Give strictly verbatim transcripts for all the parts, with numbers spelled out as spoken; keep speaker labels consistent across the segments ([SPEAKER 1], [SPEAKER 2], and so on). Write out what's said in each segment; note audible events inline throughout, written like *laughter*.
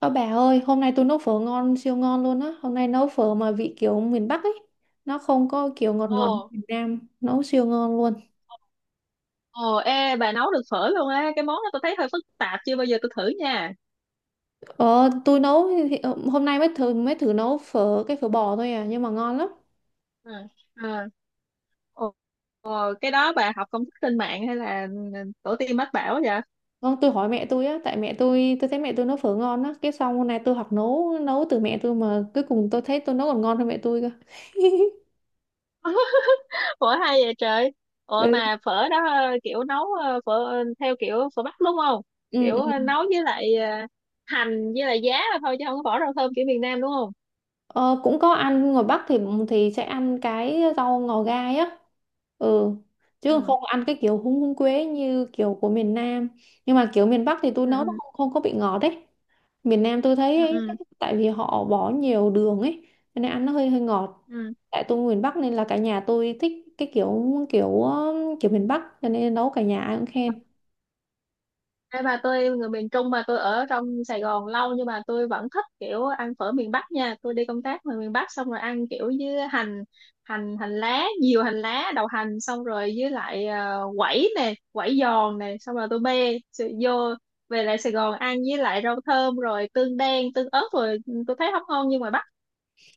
[SPEAKER 1] Ơ bà ơi, hôm nay tôi nấu phở ngon, siêu ngon luôn á. Hôm nay nấu phở mà vị kiểu miền Bắc ấy. Nó không có kiểu ngọt ngọt như
[SPEAKER 2] Ồ,
[SPEAKER 1] miền Nam. Nấu siêu ngon luôn.
[SPEAKER 2] ồ, ê, bà nấu được phở luôn á. Cái món đó tôi thấy hơi phức tạp, chưa bao giờ tôi thử nha.
[SPEAKER 1] Ờ, tôi nấu, thì- ờ, hôm nay mới thử, mới thử nấu phở, cái phở bò thôi à. Nhưng mà ngon lắm.
[SPEAKER 2] Ừ. À, ồ, cái đó bà học công thức trên mạng hay là ừ, tổ tiên mách bảo vậy?
[SPEAKER 1] Không, tôi hỏi mẹ tôi á, tại mẹ tôi, tôi thấy mẹ tôi nấu phở ngon á. Cái xong hôm nay tôi học nấu, nấu từ mẹ tôi mà cuối cùng tôi thấy tôi nấu còn ngon hơn mẹ tôi cơ. *laughs*
[SPEAKER 2] *laughs* Phở hay vậy trời. Ồ
[SPEAKER 1] Ừ.
[SPEAKER 2] mà phở đó ờ, kiểu nấu ờ, phở ờ, theo kiểu phở Bắc đúng không? Kiểu ờ,
[SPEAKER 1] Ừ.
[SPEAKER 2] nấu với lại ờ, hành với lại giá thôi chứ không có bỏ rau thơm kiểu miền Nam đúng không?
[SPEAKER 1] Ờ, cũng có ăn ngoài Bắc thì thì sẽ ăn cái rau ngò gai á. Ừ, chứ
[SPEAKER 2] Ừ.
[SPEAKER 1] không ăn cái kiểu húng húng quế như kiểu của miền Nam. Nhưng mà kiểu miền Bắc thì tôi nấu nó
[SPEAKER 2] Ừ.
[SPEAKER 1] không, không có bị ngọt đấy. Miền Nam tôi
[SPEAKER 2] Ừ.
[SPEAKER 1] thấy ấy,
[SPEAKER 2] Ừ.
[SPEAKER 1] tại vì họ bỏ nhiều đường ấy, cho nên ăn nó hơi hơi ngọt.
[SPEAKER 2] Ừ. Ừ.
[SPEAKER 1] Tại tôi miền Bắc nên là cả nhà tôi thích cái kiểu kiểu kiểu miền Bắc, cho nên nấu cả nhà ai cũng khen.
[SPEAKER 2] Đây bà tôi người miền Trung mà tôi ở trong Sài Gòn lâu nhưng mà tôi vẫn thích kiểu ăn phở miền Bắc nha. Tôi đi công tác ngoài miền Bắc xong rồi ăn kiểu với hành hành hành lá, nhiều hành lá, đầu hành xong rồi với lại ờ, quẩy nè, quẩy giòn nè, xong rồi tôi bê sự- vô về lại Sài Gòn ăn với lại rau thơm rồi tương đen, tương ớt rồi ừ, tôi thấy không ngon như ngoài Bắc.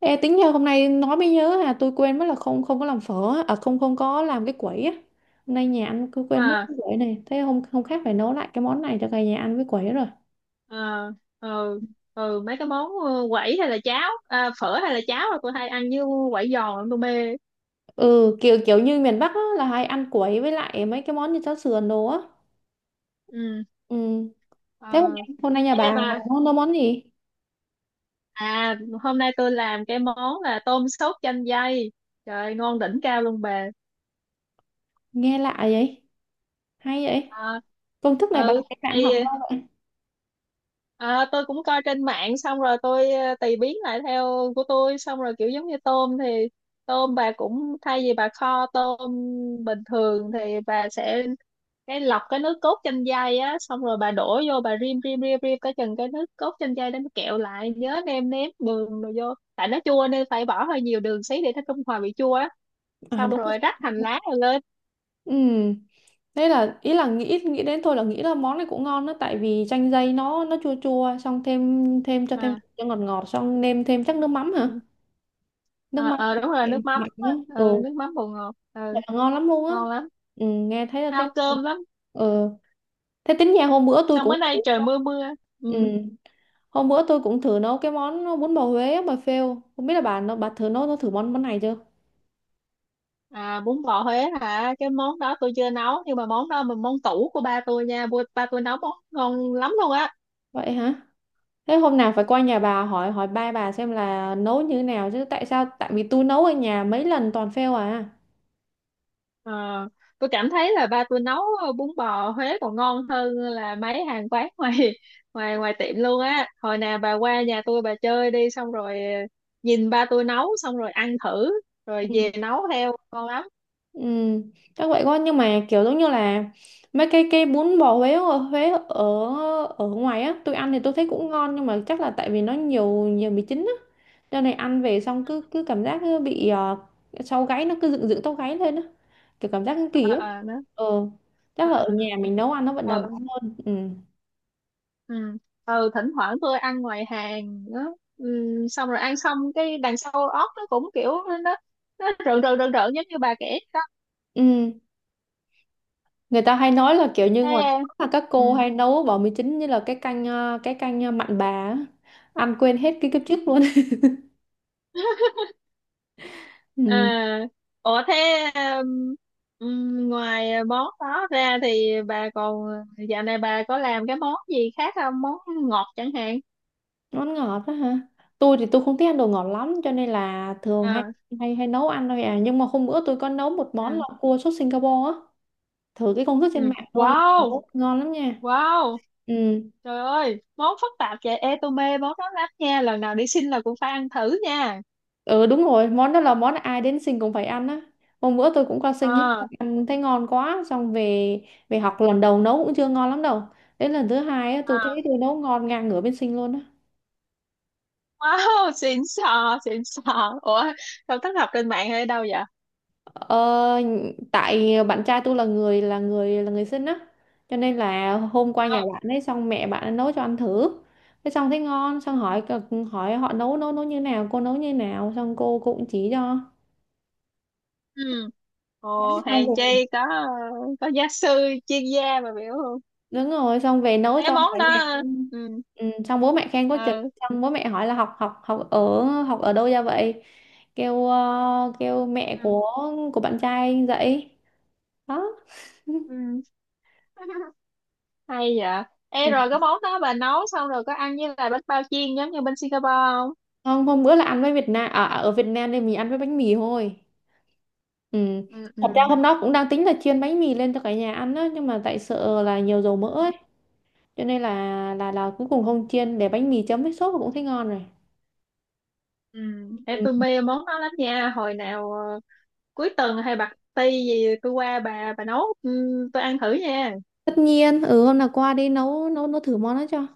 [SPEAKER 1] Ê, tính nhờ hôm nay nói mới nhớ à, tôi quên mất là không không có làm phở á, à không không có làm cái quẩy á. Hôm nay nhà ăn cứ quên mất
[SPEAKER 2] Mà
[SPEAKER 1] cái quẩy này, thế hôm không khác phải nấu lại cái món này cho cả nhà ăn với quẩy rồi.
[SPEAKER 2] ờ, ừ, ừ, mấy cái món ờ, quẩy hay là cháo, à, phở hay là cháo là tôi hay ăn với quẩy giòn tôi mê.
[SPEAKER 1] Ừ, kiểu kiểu như miền Bắc á, là hay ăn quẩy với lại mấy cái món như cháo sườn đồ á.
[SPEAKER 2] Ừ.
[SPEAKER 1] Ừ,
[SPEAKER 2] Ờ.
[SPEAKER 1] thế hôm nay hôm nay nhà
[SPEAKER 2] Ê,
[SPEAKER 1] bà
[SPEAKER 2] mà.
[SPEAKER 1] nấu, nấu món gì?
[SPEAKER 2] À, hôm nay tôi làm cái món là tôm sốt chanh dây. Trời, ngon đỉnh cao luôn bà.
[SPEAKER 1] Nghe lạ vậy, hay vậy,
[SPEAKER 2] À,
[SPEAKER 1] công thức này bà
[SPEAKER 2] ừ,
[SPEAKER 1] các bạn học
[SPEAKER 2] thì
[SPEAKER 1] đâu vậy?
[SPEAKER 2] à, tôi cũng coi trên mạng xong rồi tôi ờ, tùy biến lại theo của tôi. Xong rồi kiểu giống như tôm thì tôm bà cũng thay vì bà kho tôm bình thường thì bà sẽ cái lọc cái nước cốt chanh dây á. Xong rồi bà đổ vô bà rim rim rim rim tới chừng cái nước cốt chanh dây đó nó kẹo lại. Nhớ nêm nếm đường rồi vô. Tại nó chua nên phải bỏ hơi nhiều đường xí để nó trung hòa vị chua á.
[SPEAKER 1] À,
[SPEAKER 2] Xong
[SPEAKER 1] đúng.
[SPEAKER 2] rồi rắc hành lá rồi lên.
[SPEAKER 1] Ừ. Đấy là ý là nghĩ nghĩ đến thôi là nghĩ là món này cũng ngon đó, tại vì chanh dây nó nó chua chua, xong thêm thêm cho thêm
[SPEAKER 2] À,
[SPEAKER 1] cho ngọt ngọt, xong nêm thêm chắc nước mắm hả?
[SPEAKER 2] ừ.
[SPEAKER 1] Nước
[SPEAKER 2] Ờ,
[SPEAKER 1] mắm
[SPEAKER 2] ờ, đúng rồi nước mắm
[SPEAKER 1] mặn
[SPEAKER 2] á.
[SPEAKER 1] nhá. Ừ,
[SPEAKER 2] Ừ, nước mắm bột ngọt,
[SPEAKER 1] thật
[SPEAKER 2] ừ.
[SPEAKER 1] là ngon lắm luôn á.
[SPEAKER 2] Ngon lắm.
[SPEAKER 1] Ừ, nghe thấy là thấy.
[SPEAKER 2] Hao cơm lắm.
[SPEAKER 1] Ừ. Thế tính nhà hôm bữa tôi
[SPEAKER 2] Xong bữa
[SPEAKER 1] cũng thử.
[SPEAKER 2] nay trời mưa mưa.
[SPEAKER 1] Ừ.
[SPEAKER 2] Ừ.
[SPEAKER 1] Hôm bữa tôi cũng thử nấu cái món bún bò Huế á, bà phêu. Không biết là bà nó bà thử nấu nó thử món món này chưa?
[SPEAKER 2] À, bún bò Huế hả? Cái món đó tôi chưa nấu nhưng mà món đó là món tủ của ba tôi nha. Ba ba tôi nấu món ngon lắm luôn á.
[SPEAKER 1] Vậy hả? Thế hôm nào phải qua nhà bà hỏi hỏi ba bà xem là nấu như thế nào chứ, tại sao tại vì tôi nấu ở nhà mấy lần toàn fail à.
[SPEAKER 2] Ờ, tôi cảm thấy là ba tôi nấu ờ, bún bò Huế còn ngon hơn là mấy hàng quán *laughs* ngoài ngoài ngoài tiệm luôn á. Hồi nào bà qua nhà tôi bà chơi đi, xong rồi ờ, nhìn ba tôi nấu xong rồi ăn thử rồi về
[SPEAKER 1] Ừ.
[SPEAKER 2] nấu theo ngon lắm.
[SPEAKER 1] Ừ, chắc vậy quá, nhưng mà kiểu giống như là mấy cái cái bún bò Huế ở Huế ở ở ngoài á, tôi ăn thì tôi thấy cũng ngon, nhưng mà chắc là tại vì nó nhiều nhiều mì chính á, cho nên ăn về xong cứ cứ cảm giác cứ bị, ờ, sau gáy nó cứ dựng dựng tóc gáy lên á, kiểu cảm giác cứ kỳ
[SPEAKER 2] Ờ,
[SPEAKER 1] ấy.
[SPEAKER 2] ờ đó.
[SPEAKER 1] Ờ, chắc là ở nhà mình nấu ăn nó vẫn
[SPEAKER 2] Ờ,
[SPEAKER 1] đảm
[SPEAKER 2] ừ,
[SPEAKER 1] bảo hơn. Ừ.
[SPEAKER 2] ừ. Ừ, thỉnh thoảng tôi ăn ngoài hàng đó, ừ, xong rồi ăn xong cái đằng sau óc nó cũng kiểu nó nó rợn rợn rợn rợn giống như bà kể đó.
[SPEAKER 1] Ừ. Người ta hay nói là kiểu như
[SPEAKER 2] Thế,
[SPEAKER 1] ngoài phố là các cô
[SPEAKER 2] ừ.
[SPEAKER 1] hay nấu bò mì chính như là cái canh ờ, cái canh, ờ, mặn bà á, ăn quên hết cái kiếp trước luôn. *laughs*
[SPEAKER 2] À,
[SPEAKER 1] Ừ,
[SPEAKER 2] ủa thế um, um, ngoài món đó ra thì bà còn dạo này bà có làm cái món gì khác không? Món ngọt chẳng hạn.
[SPEAKER 1] món ngọt đó hả? Tôi thì tôi không thích ăn đồ ngọt lắm, cho nên là thường hay
[SPEAKER 2] À,
[SPEAKER 1] hay hay nấu ăn thôi à, nhưng mà hôm bữa tôi có nấu một món
[SPEAKER 2] ừ,
[SPEAKER 1] là cua sốt Singapore á, thử cái công thức trên
[SPEAKER 2] ừ.
[SPEAKER 1] mạng thôi, nhưng
[SPEAKER 2] Wow,
[SPEAKER 1] mà rất ngon lắm nha.
[SPEAKER 2] wow.
[SPEAKER 1] Ừ.
[SPEAKER 2] Trời ơi món phức tạp vậy. Ê, tôi mê món đó lắm nha, lần nào đi xin là cũng phải ăn thử nha.
[SPEAKER 1] Ừ, đúng rồi, món đó là món ai đến sinh cũng phải ăn á. Hôm bữa tôi cũng qua sinh ấy,
[SPEAKER 2] À,
[SPEAKER 1] ăn thấy ngon quá, xong về về học lần đầu nấu cũng chưa ngon lắm đâu. Đến lần thứ hai á, tôi thấy
[SPEAKER 2] à,
[SPEAKER 1] tôi nấu ngon ngang ngửa bên sinh luôn á.
[SPEAKER 2] wow. *laughs* Xịn sò, xịn sò. Ủa sao thất, học trên mạng hay đâu vậy?
[SPEAKER 1] Ờ, tại bạn trai tôi là người là người là người sinh á, cho nên là hôm qua nhà
[SPEAKER 2] À,
[SPEAKER 1] bạn ấy xong mẹ bạn ấy nấu cho ăn thử. Thế xong thấy ngon, xong hỏi hỏi họ nấu nấu nấu như nào, cô nấu như nào, xong cô cũng chỉ cho.
[SPEAKER 2] ừ. Ồ,
[SPEAKER 1] Xong
[SPEAKER 2] hàng
[SPEAKER 1] rồi,
[SPEAKER 2] chay có có giáo sư chuyên gia mà biểu
[SPEAKER 1] đúng rồi, xong về nấu
[SPEAKER 2] cái
[SPEAKER 1] cho cả
[SPEAKER 2] món
[SPEAKER 1] nhà
[SPEAKER 2] đó.
[SPEAKER 1] ăn.
[SPEAKER 2] Ừ,
[SPEAKER 1] Ừ, xong bố mẹ khen có chừng,
[SPEAKER 2] ừ.
[SPEAKER 1] xong bố mẹ hỏi là học học học ở học ở đâu ra vậy, kêu, ờ, kêu mẹ
[SPEAKER 2] Ừ.
[SPEAKER 1] của của bạn trai dạy đó.
[SPEAKER 2] Ừ. *laughs* Hay vậy.
[SPEAKER 1] Ừ.
[SPEAKER 2] Ê, rồi cái món đó bà nấu xong rồi có ăn với lại bánh bao chiên giống như bên Singapore không?
[SPEAKER 1] Không, hôm bữa là ăn với Việt Nam à, à, ở Việt Nam nên mình ăn với bánh mì thôi. Ừ,
[SPEAKER 2] Ừ,
[SPEAKER 1] thật ra
[SPEAKER 2] ừ.
[SPEAKER 1] hôm đó cũng đang tính là chiên bánh mì lên cho cả nhà ăn đó, nhưng mà tại sợ là nhiều dầu mỡ
[SPEAKER 2] Ừ.
[SPEAKER 1] ấy, cho nên là là là cuối cùng không chiên, để bánh mì chấm với sốt cũng thấy ngon rồi.
[SPEAKER 2] Ừ, để
[SPEAKER 1] Ừ.
[SPEAKER 2] tôi mê món đó lắm nha, hồi nào ờ, cuối tuần hay bạc ti gì tôi qua bà bà nấu, ừ, tôi ăn thử nha.
[SPEAKER 1] Tất nhiên, ừ, hôm nào qua đi nấu nấu nấu thử món đó cho.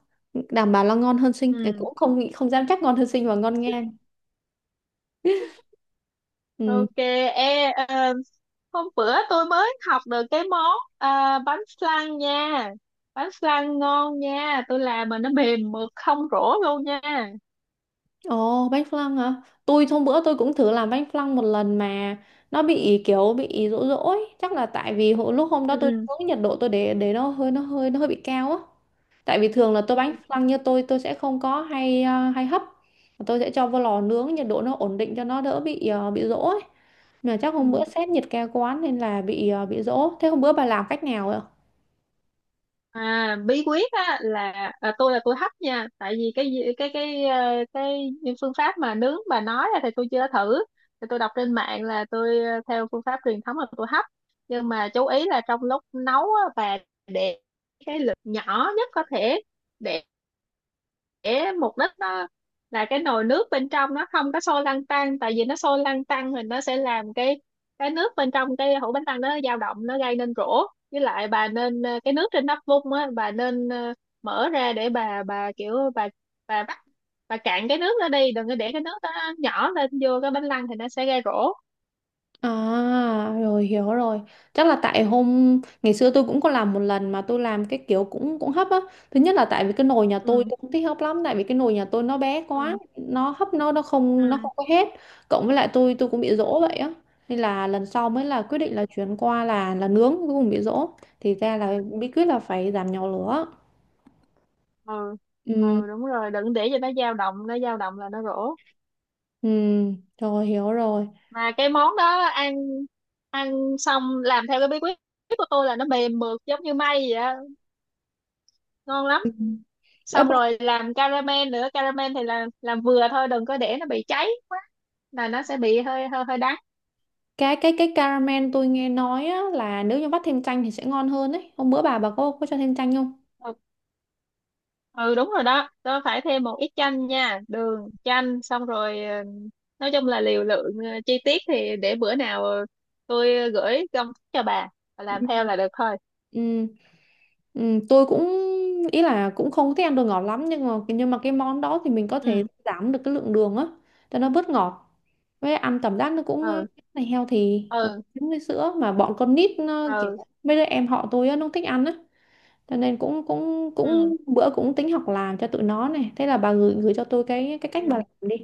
[SPEAKER 1] Đảm bảo là ngon hơn Sinh. Cái
[SPEAKER 2] Ừ,
[SPEAKER 1] cũng không nghĩ không dám chắc ngon hơn Sinh và ngon ngang. Ừ.
[SPEAKER 2] ok. Ê, ờ, hôm bữa tôi mới học được cái món ờ, bánh flan nha. Bánh flan ngon nha, tôi làm mà nó mềm mượt không rỗ luôn nha.
[SPEAKER 1] Ồ, bánh flan hả? Tôi hôm bữa tôi cũng thử làm bánh flan một lần, mà nó bị kiểu bị rỗ rỗ ấy, chắc là tại vì hồi, lúc hôm đó
[SPEAKER 2] Ừ,
[SPEAKER 1] tôi
[SPEAKER 2] ừ,
[SPEAKER 1] nướng nhiệt độ tôi để để nó hơi nó hơi nó hơi bị cao á. Tại vì thường là tôi bánh flan như tôi tôi sẽ không có hay, à, hay hấp. Tôi sẽ cho vô lò nướng nhiệt độ nó ổn định cho nó đỡ bị, à, bị rỗ ấy. Mà chắc hôm
[SPEAKER 2] ừ.
[SPEAKER 1] bữa sếp nhiệt ca quán nên là bị, ờ, bị dỗ. Thế hôm bữa bà làm cách nào rồi?
[SPEAKER 2] À, bí quyết á là à, tôi là tôi hấp nha, tại vì cái gì- cái cái ờ, cái những phương pháp mà nướng bà nói á thì tôi chưa thử. Thì tôi đọc trên mạng là tôi ờ, theo phương pháp truyền thống là tôi hấp. Nhưng mà chú ý là trong lúc nấu á, bà để cái lửa nhỏ nhất có thể, để mục đích nó là cái nồi nước bên trong nó không có sôi lăn tăn, tại vì nó sôi lăn tăn thì nó sẽ làm cái cái nước bên trong cái hũ bánh tăng nó dao động, nó gây nên rỗ. Với lại bà nên ờ, cái nước trên nắp vung á, bà nên ờ, mở ra để bà bà kiểu bà bà bắt bà cạn cái nước đó đi, đừng có để cái nước đó nó nhỏ lên vô cái bánh lăng thì nó sẽ gây rỗ.
[SPEAKER 1] À, rồi hiểu rồi. Chắc là tại hôm ngày xưa tôi cũng có làm một lần, mà tôi làm cái kiểu cũng cũng hấp á. Thứ nhất là tại vì cái nồi nhà tôi
[SPEAKER 2] Ừ,
[SPEAKER 1] tôi không thích hấp lắm, tại vì cái nồi nhà tôi nó bé quá,
[SPEAKER 2] ừ,
[SPEAKER 1] nó hấp nó nó không nó
[SPEAKER 2] ừ,
[SPEAKER 1] không có hết. Cộng với lại tôi tôi cũng bị
[SPEAKER 2] ừ,
[SPEAKER 1] dỗ vậy á. Nên là lần sau mới là quyết
[SPEAKER 2] ừ,
[SPEAKER 1] định là chuyển qua là là nướng, cuối cùng bị dỗ. Thì ra là bí quyết là phải giảm nhỏ lửa.
[SPEAKER 2] ừ,
[SPEAKER 1] Ừ.
[SPEAKER 2] ừ, đúng rồi đừng để cho nó dao động, nó dao động là nó rỗ.
[SPEAKER 1] Ừ, rồi hiểu rồi.
[SPEAKER 2] Mà cái món đó ăn ăn xong làm theo cái bí quyết của tôi là nó mềm mượt giống như may vậy á, ngon lắm.
[SPEAKER 1] Ừ. Ơ,
[SPEAKER 2] Xong rồi làm caramel nữa, caramel thì là làm vừa thôi đừng có để nó bị cháy quá là nó sẽ bị hơi hơi hơi đắng.
[SPEAKER 1] cái cái cái caramel tôi nghe nói á, là nếu như vắt thêm chanh thì sẽ ngon hơn đấy, hôm bữa bà bà có có cho thêm chanh không?
[SPEAKER 2] Ừ, ừ, đúng rồi đó, tôi phải thêm một ít chanh nha, đường chanh xong rồi ờ, nói chung là liều lượng, ờ, chi tiết thì để bữa nào ờ, tôi gửi công thức cho bà. Bà làm
[SPEAKER 1] Ừ.
[SPEAKER 2] theo là được thôi.
[SPEAKER 1] Ừ, ừ, tôi cũng ý là cũng không thích ăn đồ ngọt lắm, nhưng mà nhưng mà cái món đó thì mình có thể
[SPEAKER 2] Ừ,
[SPEAKER 1] giảm được cái lượng đường á, cho nó bớt ngọt, với ăn cảm giác nó cũng, ờ,
[SPEAKER 2] ừ,
[SPEAKER 1] này healthy, thì
[SPEAKER 2] ừ,
[SPEAKER 1] giống với sữa mà bọn con nít nó, kiểu
[SPEAKER 2] ừ,
[SPEAKER 1] mấy đứa em họ tôi á, nó không thích ăn á, cho nên cũng cũng
[SPEAKER 2] ừ,
[SPEAKER 1] cũng bữa cũng tính học làm cho tụi nó này, thế là bà gửi gửi cho tôi cái cái cách bà
[SPEAKER 2] ừ,
[SPEAKER 1] làm đi,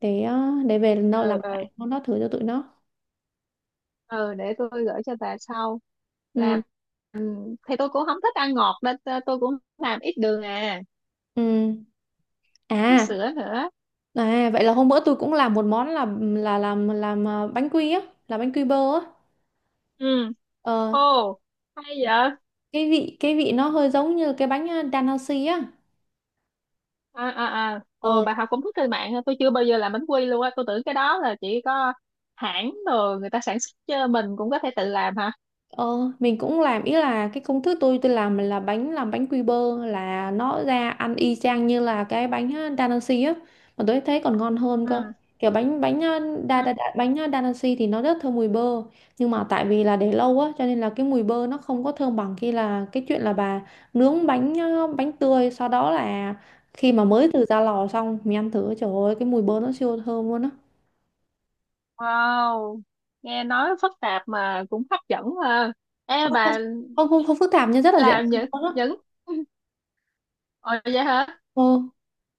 [SPEAKER 1] để, ờ, để về nấu làm
[SPEAKER 2] ừ, ừ,
[SPEAKER 1] lại món đó thử cho tụi nó.
[SPEAKER 2] ừ, để tôi gửi cho bà sau. Làm
[SPEAKER 1] Ừ,
[SPEAKER 2] thì tôi cũng không thích ăn ngọt nên t- tôi cũng làm ít đường à.
[SPEAKER 1] ừ,
[SPEAKER 2] Ít
[SPEAKER 1] à
[SPEAKER 2] sữa nữa.
[SPEAKER 1] à vậy là hôm bữa tôi cũng làm một món là là làm làm, ờ, bánh quy á, làm bánh quy bơ á.
[SPEAKER 2] Ừ,
[SPEAKER 1] Ờ,
[SPEAKER 2] ô, hay vậy à,
[SPEAKER 1] cái vị cái vị nó hơi giống như cái bánh, ờ, đan hao xi á.
[SPEAKER 2] à, à, ồ,
[SPEAKER 1] Ờ,
[SPEAKER 2] bà học công thức trên mạng hả? Tôi chưa bao giờ làm bánh quy luôn á, tôi tưởng cái đó là chỉ có hãng rồi người ta sản xuất chứ mình cũng có thể tự làm hả?
[SPEAKER 1] Ờ, mình cũng làm, ý là cái công thức tôi tôi làm là bánh làm bánh quy bơ, là nó ra ăn y chang như là cái bánh, ờ, Da Vinci á, mà tôi thấy còn ngon hơn cơ.
[SPEAKER 2] Ừ,
[SPEAKER 1] Kiểu bánh bánh, ờ, đa,
[SPEAKER 2] ừ,
[SPEAKER 1] đa, đa, bánh, ờ, Da Vinci thì nó rất thơm mùi bơ, nhưng mà tại vì là để lâu á, cho nên là cái mùi bơ nó không có thơm bằng khi là cái chuyện là bà nướng bánh, ờ, bánh tươi, sau đó là khi mà
[SPEAKER 2] ừ.
[SPEAKER 1] mới từ ra lò xong mình ăn thử, trời ơi cái mùi bơ nó siêu thơm luôn á.
[SPEAKER 2] Wow, nghe nói phức tạp mà cũng hấp dẫn ha. Ê,
[SPEAKER 1] Không,
[SPEAKER 2] bà
[SPEAKER 1] không, không, không phức tạp, nhưng rất là dễ
[SPEAKER 2] làm
[SPEAKER 1] làm
[SPEAKER 2] những
[SPEAKER 1] luôn á.
[SPEAKER 2] những *laughs* Ồ, vậy hả.
[SPEAKER 1] Ờ.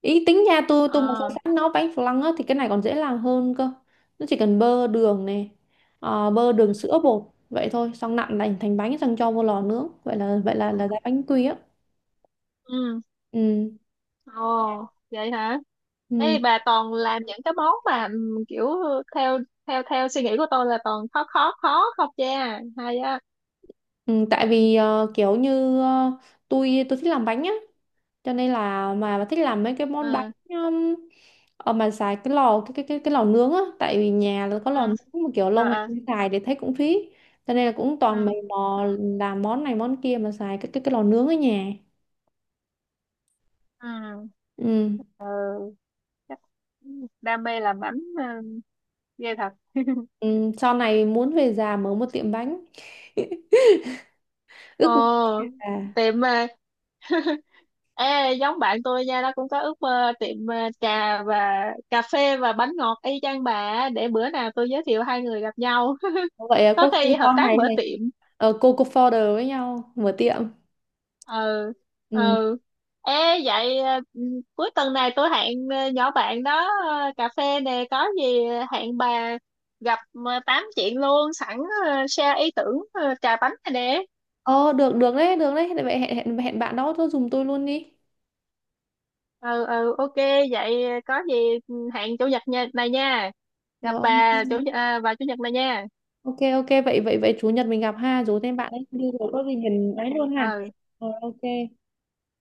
[SPEAKER 1] Ý tính nhà tôi tôi mà xây
[SPEAKER 2] Ờ,
[SPEAKER 1] sẵn nấu bánh flan á thì cái này còn dễ làm hơn cơ, nó chỉ cần bơ đường này, ờ, bơ đường sữa bột, vậy thôi, xong nặn thành thành bánh, xong cho vô lò nướng, vậy là vậy là là ra bánh quy á.
[SPEAKER 2] ừ.
[SPEAKER 1] Ừ,
[SPEAKER 2] Ồ, vậy hả? Ê,
[SPEAKER 1] ừ,
[SPEAKER 2] bà toàn làm những cái món mà ừm, kiểu theo theo theo suy nghĩ của tôi là toàn khó khó khó không, cha hay á.
[SPEAKER 1] ừ, tại vì, ờ, kiểu như, ờ, tôi tôi thích làm bánh á, cho nên là mà thích làm mấy cái món bánh.
[SPEAKER 2] Ừ,
[SPEAKER 1] Ờ, mà xài cái lò cái cái cái cái lò nướng á, tại vì nhà là có
[SPEAKER 2] ừ.
[SPEAKER 1] lò nướng mà kiểu lâu
[SPEAKER 2] Ờ,
[SPEAKER 1] ngày
[SPEAKER 2] ờ,
[SPEAKER 1] không xài để thấy cũng phí, cho nên là cũng
[SPEAKER 2] ừ,
[SPEAKER 1] toàn mày mò
[SPEAKER 2] ừ,
[SPEAKER 1] làm món này món kia mà xài cái cái cái lò nướng ở nhà.
[SPEAKER 2] ừ,
[SPEAKER 1] Ừ.
[SPEAKER 2] ừ. Chắc đam mê làm bánh, ừ, ghê thật. *laughs*
[SPEAKER 1] ừ. Sau này muốn về già mở một tiệm bánh. *laughs*
[SPEAKER 2] Ồ,
[SPEAKER 1] Ước mơ về già.
[SPEAKER 2] tiệm mà. Ê, giống bạn tôi nha, nó cũng có ước mơ tiệm ờ, trà và cà phê và bánh ngọt y chang bà á. Để bữa nào tôi giới thiệu hai người gặp nhau. *laughs*
[SPEAKER 1] Vậy à,
[SPEAKER 2] Có
[SPEAKER 1] có khi
[SPEAKER 2] khi hợp
[SPEAKER 1] sau
[SPEAKER 2] tác
[SPEAKER 1] này
[SPEAKER 2] mở
[SPEAKER 1] thì,
[SPEAKER 2] tiệm.
[SPEAKER 1] ờ, cô cô founder với nhau mở tiệm.
[SPEAKER 2] Ừ,
[SPEAKER 1] Ừ.
[SPEAKER 2] ừ. Ê, vậy ờ, cuối tuần này tôi hẹn ờ, nhỏ bạn đó ờ, cà phê nè, có gì hẹn bà gặp, ờ, tám chuyện luôn sẵn, ờ, share ý tưởng, ờ, trà bánh này nè.
[SPEAKER 1] ờ được được đấy, được đấy, vậy hẹn, hẹn hẹn bạn đó tôi dùng tôi luôn đi.
[SPEAKER 2] Ừ, ừ, ok, vậy ờ, có gì, ừ, hẹn chủ nhật nha- này nha.
[SPEAKER 1] Ờ,
[SPEAKER 2] Gặp
[SPEAKER 1] ok.
[SPEAKER 2] bà chủ nhật- à, vào chủ nhật này nha.
[SPEAKER 1] Ok, ok, vậy vậy vậy chủ nhật mình gặp ha, rủ thêm bạn ấy đi rồi có gì mình ấy luôn ha.
[SPEAKER 2] Ừ.
[SPEAKER 1] Rồi ok.